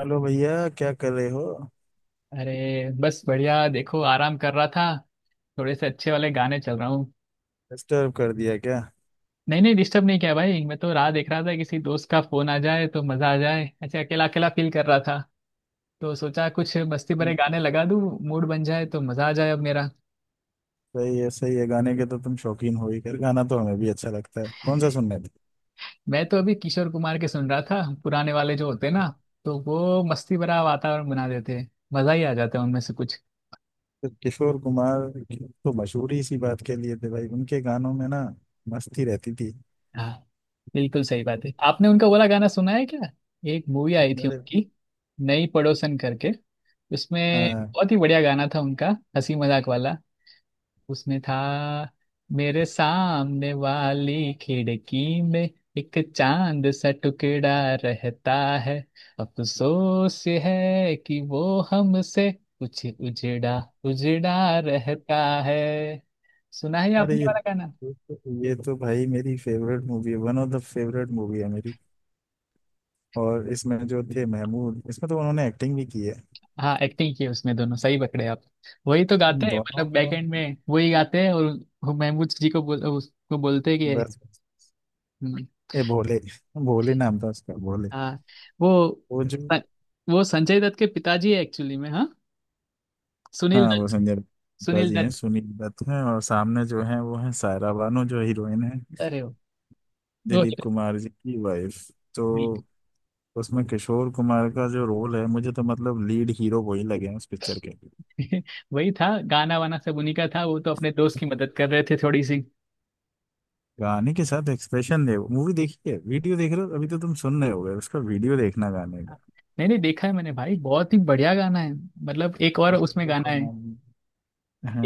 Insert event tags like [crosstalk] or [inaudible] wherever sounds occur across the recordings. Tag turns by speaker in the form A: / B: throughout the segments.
A: Hello भैया, क्या कर रहे हो?
B: अरे बस बढ़िया। देखो, आराम कर रहा था। थोड़े से अच्छे वाले गाने चल रहा हूँ।
A: डिस्टर्ब कर दिया क्या?
B: नहीं नहीं, डिस्टर्ब नहीं किया भाई। मैं तो राह देख रहा था किसी दोस्त का फोन आ जाए तो मजा आ जाए। ऐसे अकेला अकेला फील कर रहा था तो सोचा कुछ मस्ती भरे
A: हम्म।
B: गाने लगा दूँ। मूड बन जाए तो मजा आ जाए अब मेरा।
A: सही है, सही है। गाने के तो तुम शौकीन हो ही। खैर, गाना तो हमें भी अच्छा लगता है। कौन सा सुनने थे?
B: मैं तो अभी किशोर कुमार के सुन रहा था, पुराने वाले जो होते ना, तो वो मस्ती भरा वातावरण बना देते हैं। मजा ही आ जाता है उनमें से कुछ।
A: तो किशोर कुमार तो मशहूर ही इसी बात के लिए थे भाई। उनके गानों में ना मस्ती रहती थी।
B: हाँ, बिल्कुल सही बात है। आपने उनका वाला गाना सुना है क्या? एक मूवी आई थी
A: मेरे
B: उनकी, नई पड़ोसन करके। उसमें
A: हाँ।
B: बहुत ही बढ़िया गाना था उनका, हंसी मजाक वाला। उसमें था, मेरे सामने वाली खिड़की में एक चांद सा टुकड़ा रहता है। अफसोस है कि वो हमसे कुछ उजड़ा उजड़ा रहता है। सुना है
A: अरे,
B: आपने
A: ये
B: ये वाला गाना?
A: ये तो भाई मेरी फेवरेट मूवी है। One of the favourite movie है मेरी। और इसमें जो थे महमूद, इसमें तो उन्होंने एक्टिंग भी की है।
B: हाँ, एक्टिंग की है उसमें दोनों। सही पकड़े आप। वही तो गाते
A: इन
B: हैं,
A: दोनों
B: मतलब
A: को।
B: बैक एंड में वही गाते हैं। और वो महमूद जी को बोल, उसको बोलते हैं कि
A: बस बस।
B: हम्म,
A: ये भोले, भोले नाम था उसका। भोले।
B: हाँ, वो
A: वो जो।
B: वो संजय दत्त के पिताजी है एक्चुअली में। हाँ, सुनील
A: हाँ, वो
B: दत्त।
A: संजय दत्ता
B: सुनील
A: जी हैं,
B: दत्त।
A: सुनील दत्त हैं। और सामने जो हैं वो हैं सायरा बानो, जो हीरोइन है।
B: अरे वो
A: दिलीप
B: तो
A: कुमार जी की वाइफ। तो
B: नहीं,
A: उसमें किशोर कुमार का जो रोल है, मुझे तो मतलब लीड हीरो वही लगे हैं उस पिक्चर के।
B: [laughs] वही था। गाना वाना सब उन्हीं का था। वो तो अपने दोस्त की मदद कर रहे थे थोड़ी सी।
A: गाने के साथ एक्सप्रेशन दे। मूवी देखिए, वीडियो देख रहे हो अभी तो? तुम सुन रहे होगे, उसका वीडियो देखना गाने का।
B: नहीं नहीं, देखा है मैंने भाई। बहुत ही बढ़िया गाना है। मतलब एक और उसमें
A: किशोर
B: गाना है,
A: कुमार।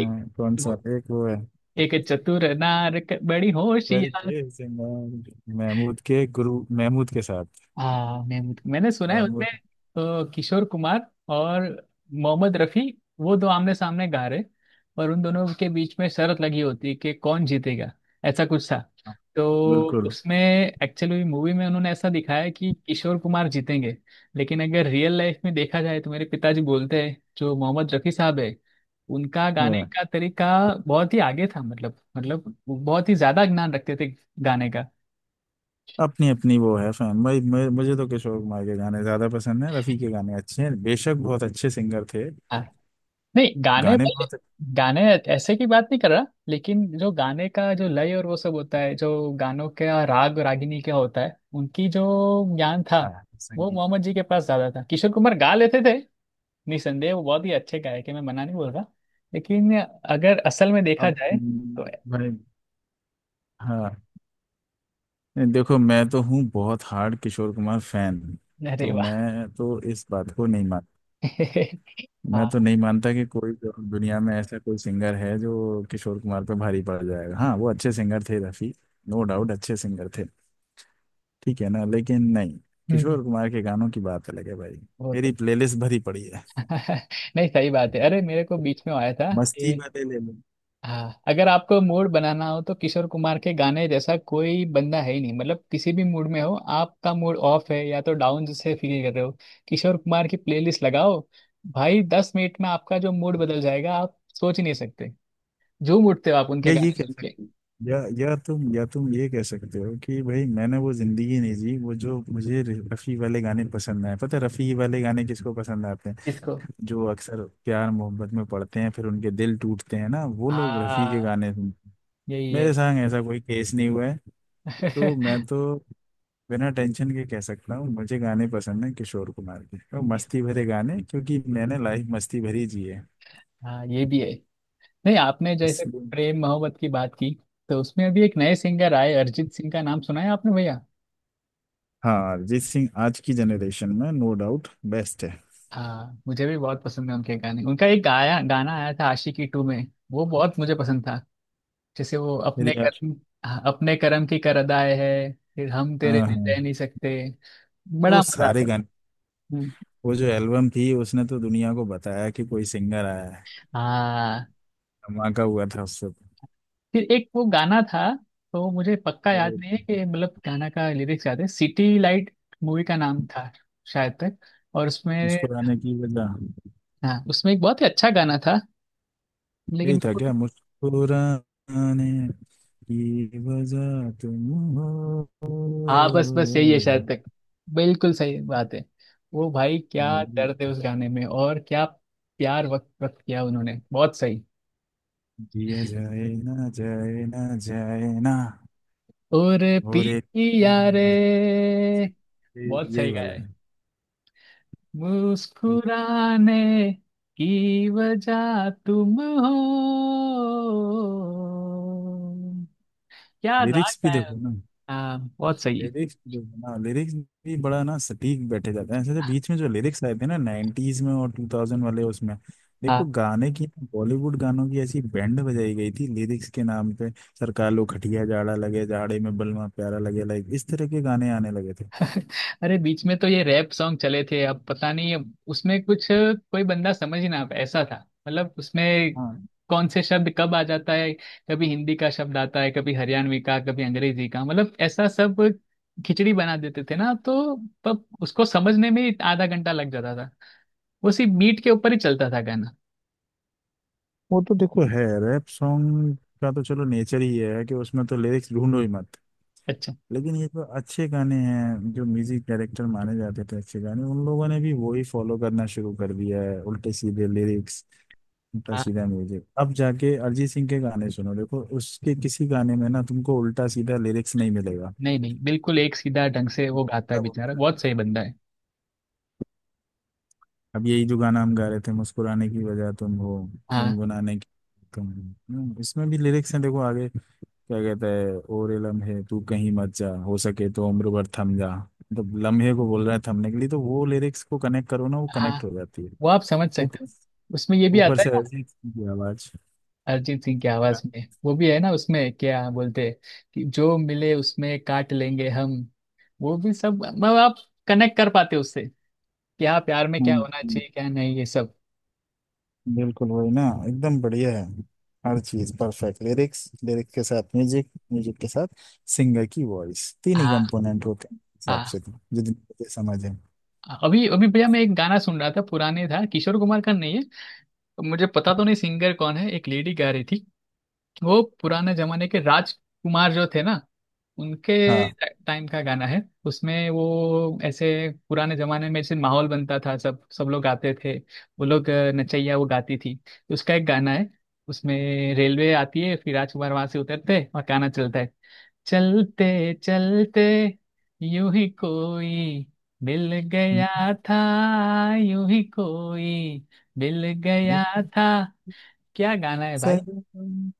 B: एक
A: कौन सा?
B: वो,
A: एक वो है,
B: एक चतुर नार बड़ी होशियार।
A: करके सिंगार, महमूद के गुरु, महमूद के साथ।
B: हाँ, महमूद। मैंने सुना है उसमें
A: महमूद।
B: किशोर कुमार और मोहम्मद रफी, वो दो आमने सामने गा रहे। और उन दोनों के बीच में शर्त लगी होती है कि कौन जीतेगा, ऐसा कुछ था।
A: हाँ,
B: तो
A: बिल्कुल।
B: उसमें एक्चुअली मूवी में उन्होंने ऐसा दिखाया कि किशोर कुमार जीतेंगे। लेकिन अगर रियल लाइफ में देखा जाए तो मेरे पिताजी बोलते हैं, जो मोहम्मद रफी साहब है, उनका गाने
A: हाँ।
B: का तरीका बहुत ही आगे था। मतलब वो बहुत ही ज्यादा ज्ञान रखते थे गाने का।
A: अपनी अपनी वो है फैन भाई। मुझे तो किशोर कुमार के गाने ज्यादा पसंद है। रफ़ी के गाने अच्छे हैं, बेशक बहुत अच्छे सिंगर थे।
B: नहीं गाने
A: गाने
B: भाई,
A: बहुत।
B: गाने ऐसे की बात नहीं कर रहा। लेकिन जो गाने का जो लय और वो सब होता है, जो गानों का राग रागिनी क्या होता है, उनकी जो ज्ञान था,
A: अच्छा है
B: वो
A: संगीत।
B: मोहम्मद जी के पास ज्यादा था। किशोर कुमार गा लेते थे, निसंदेह वो बहुत ही अच्छे गायक है, मैं मना नहीं बोल रहा। लेकिन अगर असल में
A: अब
B: देखा जाए तो,
A: भाई। हाँ। देखो, मैं तो हूँ बहुत हार्ड किशोर कुमार फैन।
B: अरे
A: तो
B: वाह।
A: मैं तो इस बात को नहीं मान।
B: [laughs]
A: मैं
B: हाँ।
A: तो नहीं मानता कि कोई जो दुनिया में ऐसा कोई सिंगर है जो किशोर कुमार पे भारी पड़ जाएगा। हाँ, वो अच्छे सिंगर थे रफ़ी। नो डाउट अच्छे सिंगर थे। ठीक है ना, लेकिन नहीं।
B: हम्म,
A: किशोर कुमार के गानों की बात अलग है भाई।
B: वो तो
A: मेरी प्लेलिस्ट भरी पड़ी है।
B: [laughs] नहीं, सही बात है। अरे मेरे को बीच में आया था।
A: मस्ती वाले ले लो।
B: हाँ, अगर आपको मूड बनाना हो तो किशोर कुमार के गाने जैसा कोई बंदा है ही नहीं। मतलब किसी भी मूड में हो, आपका मूड ऑफ है या तो डाउन जैसे फील कर रहे हो, किशोर कुमार की प्लेलिस्ट लगाओ भाई। 10 मिनट में आपका जो मूड बदल जाएगा आप सोच ही नहीं सकते। झूम उठते हो आप उनके
A: या ये
B: गाने
A: कह
B: सुन
A: सकते
B: के।
A: या तुम ये कह सकते हो कि भाई मैंने वो जिंदगी नहीं जी। वो जो मुझे रफ़ी वाले गाने पसंद आए। पता है रफ़ी वाले गाने किसको पसंद आते हैं?
B: इसको,
A: जो अक्सर प्यार मोहब्बत में पड़ते हैं फिर उनके दिल टूटते हैं ना, वो लोग रफ़ी के
B: हाँ
A: गाने सुनते हैं।
B: यही है।
A: मेरे संग ऐसा कोई केस नहीं हुआ है। तो
B: [laughs]
A: मैं तो बिना टेंशन के कह सकता हूँ मुझे गाने पसंद है किशोर कुमार के और
B: इस-
A: मस्ती भरे गाने, क्योंकि मैंने लाइफ मस्ती भरी जी है।
B: हाँ, ये भी है। नहीं, आपने जैसे
A: इसलिए।
B: प्रेम मोहब्बत की बात की तो उसमें अभी एक नए सिंगर आए, अरिजीत सिंह का नाम सुना है आपने भैया?
A: हाँ, अरिजीत सिंह आज की जनरेशन में नो डाउट बेस्ट है।
B: हाँ, मुझे भी बहुत पसंद है उनके गाने। उनका एक गाया गाना आया था आशिकी 2 में। वो बहुत मुझे पसंद था। जैसे वो
A: मेरी
B: अपने
A: आश-
B: कर्म, हाँ, अपने कर्म की कर अदाए है फिर हम तेरे
A: हाँ,
B: बिन
A: हाँ।
B: रह नहीं सकते। बड़ा
A: वो
B: मजा
A: सारे
B: आता था।
A: गाने।
B: हम्म,
A: वो जो एल्बम थी, उसने तो दुनिया को बताया कि कोई सिंगर आया है।
B: हाँ।
A: धमाका हुआ था उससे तो।
B: फिर एक वो गाना था, तो मुझे पक्का याद नहीं है कि, मतलब गाना का लिरिक्स याद है। सिटी लाइट मूवी का नाम था शायद तक। और उसमें
A: मुस्कुराने की वजह।
B: हाँ, उसमें एक बहुत ही अच्छा गाना था,
A: यही
B: लेकिन,
A: था क्या? मुस्कुराने की वजह तुम हो।
B: हाँ बस बस यही है शायद तक। बिल्कुल सही बात है। वो भाई, क्या दर्द है उस गाने में। और क्या प्यार वक्त वक्त किया उन्होंने। बहुत सही।
A: जिया जाए ना जाए ना जाए ना।
B: और
A: और एक।
B: पिया रे। बहुत
A: यही
B: सही गाया
A: वाला
B: है।
A: है।
B: मुस्कुराने की वजह तुम हो। क्या रात
A: लिरिक्स भी
B: है।
A: देखो ना,
B: हाँ, बहुत सही।
A: लिरिक्स भी देखो ना। लिरिक्स भी बड़ा ना सटीक बैठे जाते हैं, ऐसे जो बीच में जो लिरिक्स आए थे ना 90s में और 2000 वाले, उसमें देखो
B: हाँ।
A: गाने की। बॉलीवुड गानों की ऐसी बैंड बजाई गई थी लिरिक्स के नाम पे। सरकार लो खटिया, जाड़ा लगे जाड़े में बलमा प्यारा लगे, लाइक इस तरह के गाने आने लगे थे।
B: अरे बीच में तो ये रैप सॉन्ग चले थे, अब पता नहीं। अब उसमें कुछ कोई बंदा समझ ही ना पाए ऐसा था। मतलब उसमें
A: हाँ,
B: कौन से शब्द कब आ जाता है, कभी हिंदी का शब्द आता है, कभी हरियाणवी का, कभी अंग्रेजी का, मतलब ऐसा सब खिचड़ी बना देते थे ना। तो तब उसको समझने में ही आधा घंटा लग जाता था। वो सिर्फ बीट के ऊपर ही चलता था गाना।
A: वो तो देखो है, रैप सॉन्ग का तो चलो नेचर ही है कि उसमें तो लिरिक्स ढूंढो ही मत।
B: अच्छा
A: लेकिन ये जो अच्छे गाने हैं, जो म्यूजिक डायरेक्टर माने जाते थे अच्छे गाने, उन लोगों ने भी वही फॉलो करना शुरू कर दिया है, उल्टे सीधे लिरिक्स, उल्टा
B: हाँ।
A: सीधा म्यूजिक। अब जाके अरिजीत सिंह के गाने सुनो, देखो उसके किसी गाने में ना तुमको उल्टा सीधा लिरिक्स नहीं मिलेगा।
B: नहीं नहीं, बिल्कुल एक सीधा ढंग से वो गाता है
A: सब।
B: बेचारा। बहुत सही बंदा है।
A: अब यही जो गाना हम गा रहे थे, मुस्कुराने की वजह तुम हो,
B: हाँ,
A: गुनगुनाने की तुम हो। इसमें भी लिरिक्स हैं, देखो आगे क्या कहता है। ओरे लम्हे तू कहीं मत जा, हो सके तो उम्र भर थम जा। मतलब लम्हे को बोल रहा है थमने के लिए, तो वो लिरिक्स को कनेक्ट करो ना, वो
B: हाँ,
A: कनेक्ट हो जाती है।
B: वो आप समझ सकते हो।
A: ऊपर।
B: उसमें ये भी
A: ऊपर
B: आता
A: से
B: है,
A: ऐसी की आवाज।
B: अरिजीत सिंह की आवाज में वो भी है ना। उसमें क्या बोलते कि जो मिले उसमें काट लेंगे हम। वो भी सब, मतलब आप कनेक्ट कर पाते उससे। क्या प्यार में क्या होना
A: हम्म,
B: चाहिए क्या नहीं, ये सब।
A: बिल्कुल वही ना। एकदम बढ़िया है। हर चीज परफेक्ट, लिरिक्स, लिरिक्स के साथ म्यूजिक, म्यूजिक के साथ सिंगर की वॉइस। तीन ही
B: हाँ,
A: कंपोनेंट होते हैं, इस हिसाब से
B: हाँ,
A: तो जितनी मुझे समझ है।
B: हाँ। अभी अभी भैया मैं एक गाना सुन रहा था पुराने, था किशोर कुमार का नहीं है। मुझे पता तो नहीं सिंगर कौन है, एक लेडी गा रही थी। वो पुराने जमाने के राजकुमार जो थे ना, उनके
A: हाँ।
B: टाइम का गाना है। उसमें वो ऐसे, पुराने जमाने में ऐसे माहौल बनता था, सब सब लोग गाते थे वो लोग। नचैया वो गाती थी। तो उसका एक गाना है, उसमें रेलवे आती है, फिर राजकुमार वहां से उतरते हैं और गाना चलता है: चलते चलते यूं ही कोई मिल गया था, यूं ही कोई मिल गया था। क्या गाना है।
A: सनम।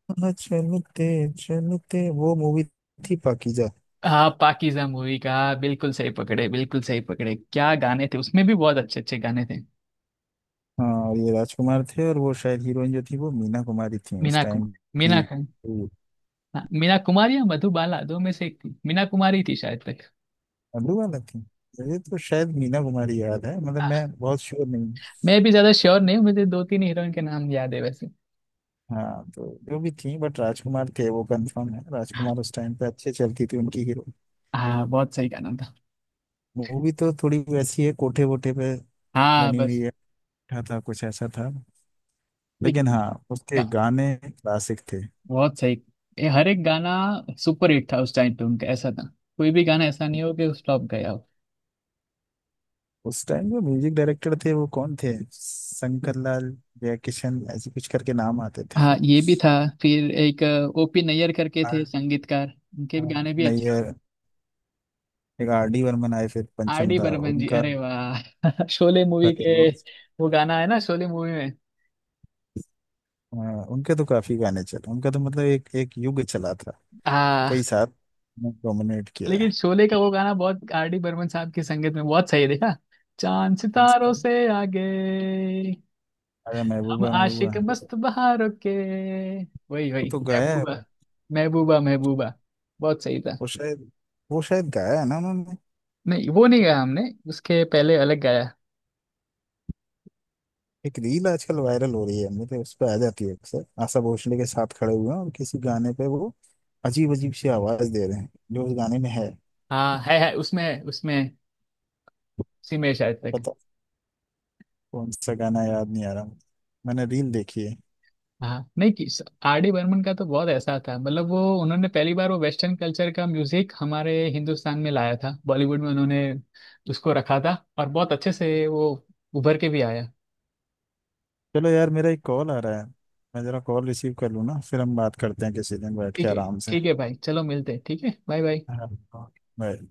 A: चलते चलते वो मूवी थी पाकीजा।
B: हाँ, पाकीज़ा मूवी का। हाँ, बिल्कुल सही पकड़े, बिल्कुल सही पकड़े। क्या गाने थे, उसमें भी बहुत अच्छे अच्छे गाने थे।
A: हाँ, और ये राजकुमार थे और वो शायद हीरोइन जो थी वो मीना कुमारी थी उस
B: मीना
A: टाइम
B: कुमार,
A: की।
B: मीना,
A: हम्म,
B: हाँ, मीना कुमारी या मधुबाला, दो में से एक थी। मीना कुमारी थी शायद तक।
A: अब्रू वाला थी। मुझे तो शायद मीना कुमारी याद है, मतलब
B: हाँ,
A: मैं बहुत श्योर नहीं हूँ।
B: मैं भी ज्यादा श्योर नहीं हूँ। मुझे दो तीन हीरोइन के नाम याद है वैसे।
A: हाँ, तो जो भी थी बट राजकुमार थे वो कंफर्म है।
B: हाँ,
A: राजकुमार उस टाइम पे अच्छे चलती थी उनकी हीरो।
B: हाँ, बहुत सही गाना था।
A: मूवी तो थोड़ी वैसी है, कोठे वोठे पे
B: हाँ
A: बनी हुई
B: बस।
A: है। था कुछ ऐसा था। लेकिन
B: लेकिन
A: हाँ, उसके
B: गा-
A: गाने क्लासिक थे।
B: बहुत सही। ये हर एक गाना सुपर हिट था उस टाइम पे उनका। ऐसा था कोई भी गाना ऐसा नहीं हो कि फ्लॉप गया हो।
A: उस टाइम जो म्यूजिक डायरेक्टर थे वो कौन थे, शंकर लाल जयकिशन ऐसे कुछ करके नाम आते थे।
B: हाँ, ये भी था। फिर एक ओपी नैयर करके थे
A: आर-
B: संगीतकार, उनके
A: हाँ,
B: भी गाने भी
A: नैयर।
B: अच्छे।
A: एक RD बर्मन आए, फिर
B: आर
A: पंचम
B: डी
A: दा।
B: बर्मन जी,
A: उनका।
B: अरे वाह। [laughs] शोले मूवी के,
A: करेलवा।
B: वो गाना है ना शोले मूवी में।
A: हाँ, उनके तो काफी गाने चले। उनका तो मतलब एक एक युग चला था।
B: आ,
A: कई साल। डोमिनेट किया
B: लेकिन
A: है।
B: शोले का वो गाना, बहुत आर डी बर्मन साहब की संगीत में बहुत सही है। देखा, चांद
A: कौन
B: सितारों
A: सा?
B: से आगे,
A: अरे,
B: हम
A: महबूबा
B: आशिक
A: महबूबा।
B: मस्त बहारों के। वही
A: वो
B: वही।
A: तो गाया
B: महबूबा,
A: है।
B: महबूबा महबूबा। बहुत सही था।
A: वो शायद वो शायद गाया है ना उन्होंने।
B: नहीं वो नहीं गाया हमने, उसके पहले अलग गाया।
A: एक रील आजकल वायरल हो रही है, मुझे उस पर आ जाती है अक्सर। आशा भोसले के साथ खड़े हुए हैं और किसी गाने पे वो अजीब अजीब सी आवाज दे रहे हैं जो उस गाने में है।
B: हाँ, है उसमें उसमें उसी में शायद।
A: पता। कौन सा गाना याद नहीं आ रहा मुझे। मैंने रील देखी है।
B: हाँ, नहीं कि आर डी बर्मन का तो बहुत ऐसा था। मतलब वो उन्होंने पहली बार वो वेस्टर्न कल्चर का म्यूजिक हमारे हिंदुस्तान में लाया था बॉलीवुड में। उन्होंने उसको रखा था और बहुत अच्छे से वो उभर के भी आया।
A: चलो यार, मेरा एक कॉल आ रहा है। मैं जरा कॉल रिसीव कर लूँ ना, फिर हम बात करते हैं किसी दिन बैठ के
B: ठीक है।
A: आराम से।
B: ठीक है भाई, चलो मिलते हैं। ठीक है, बाय बाय।
A: हाँ। बाय।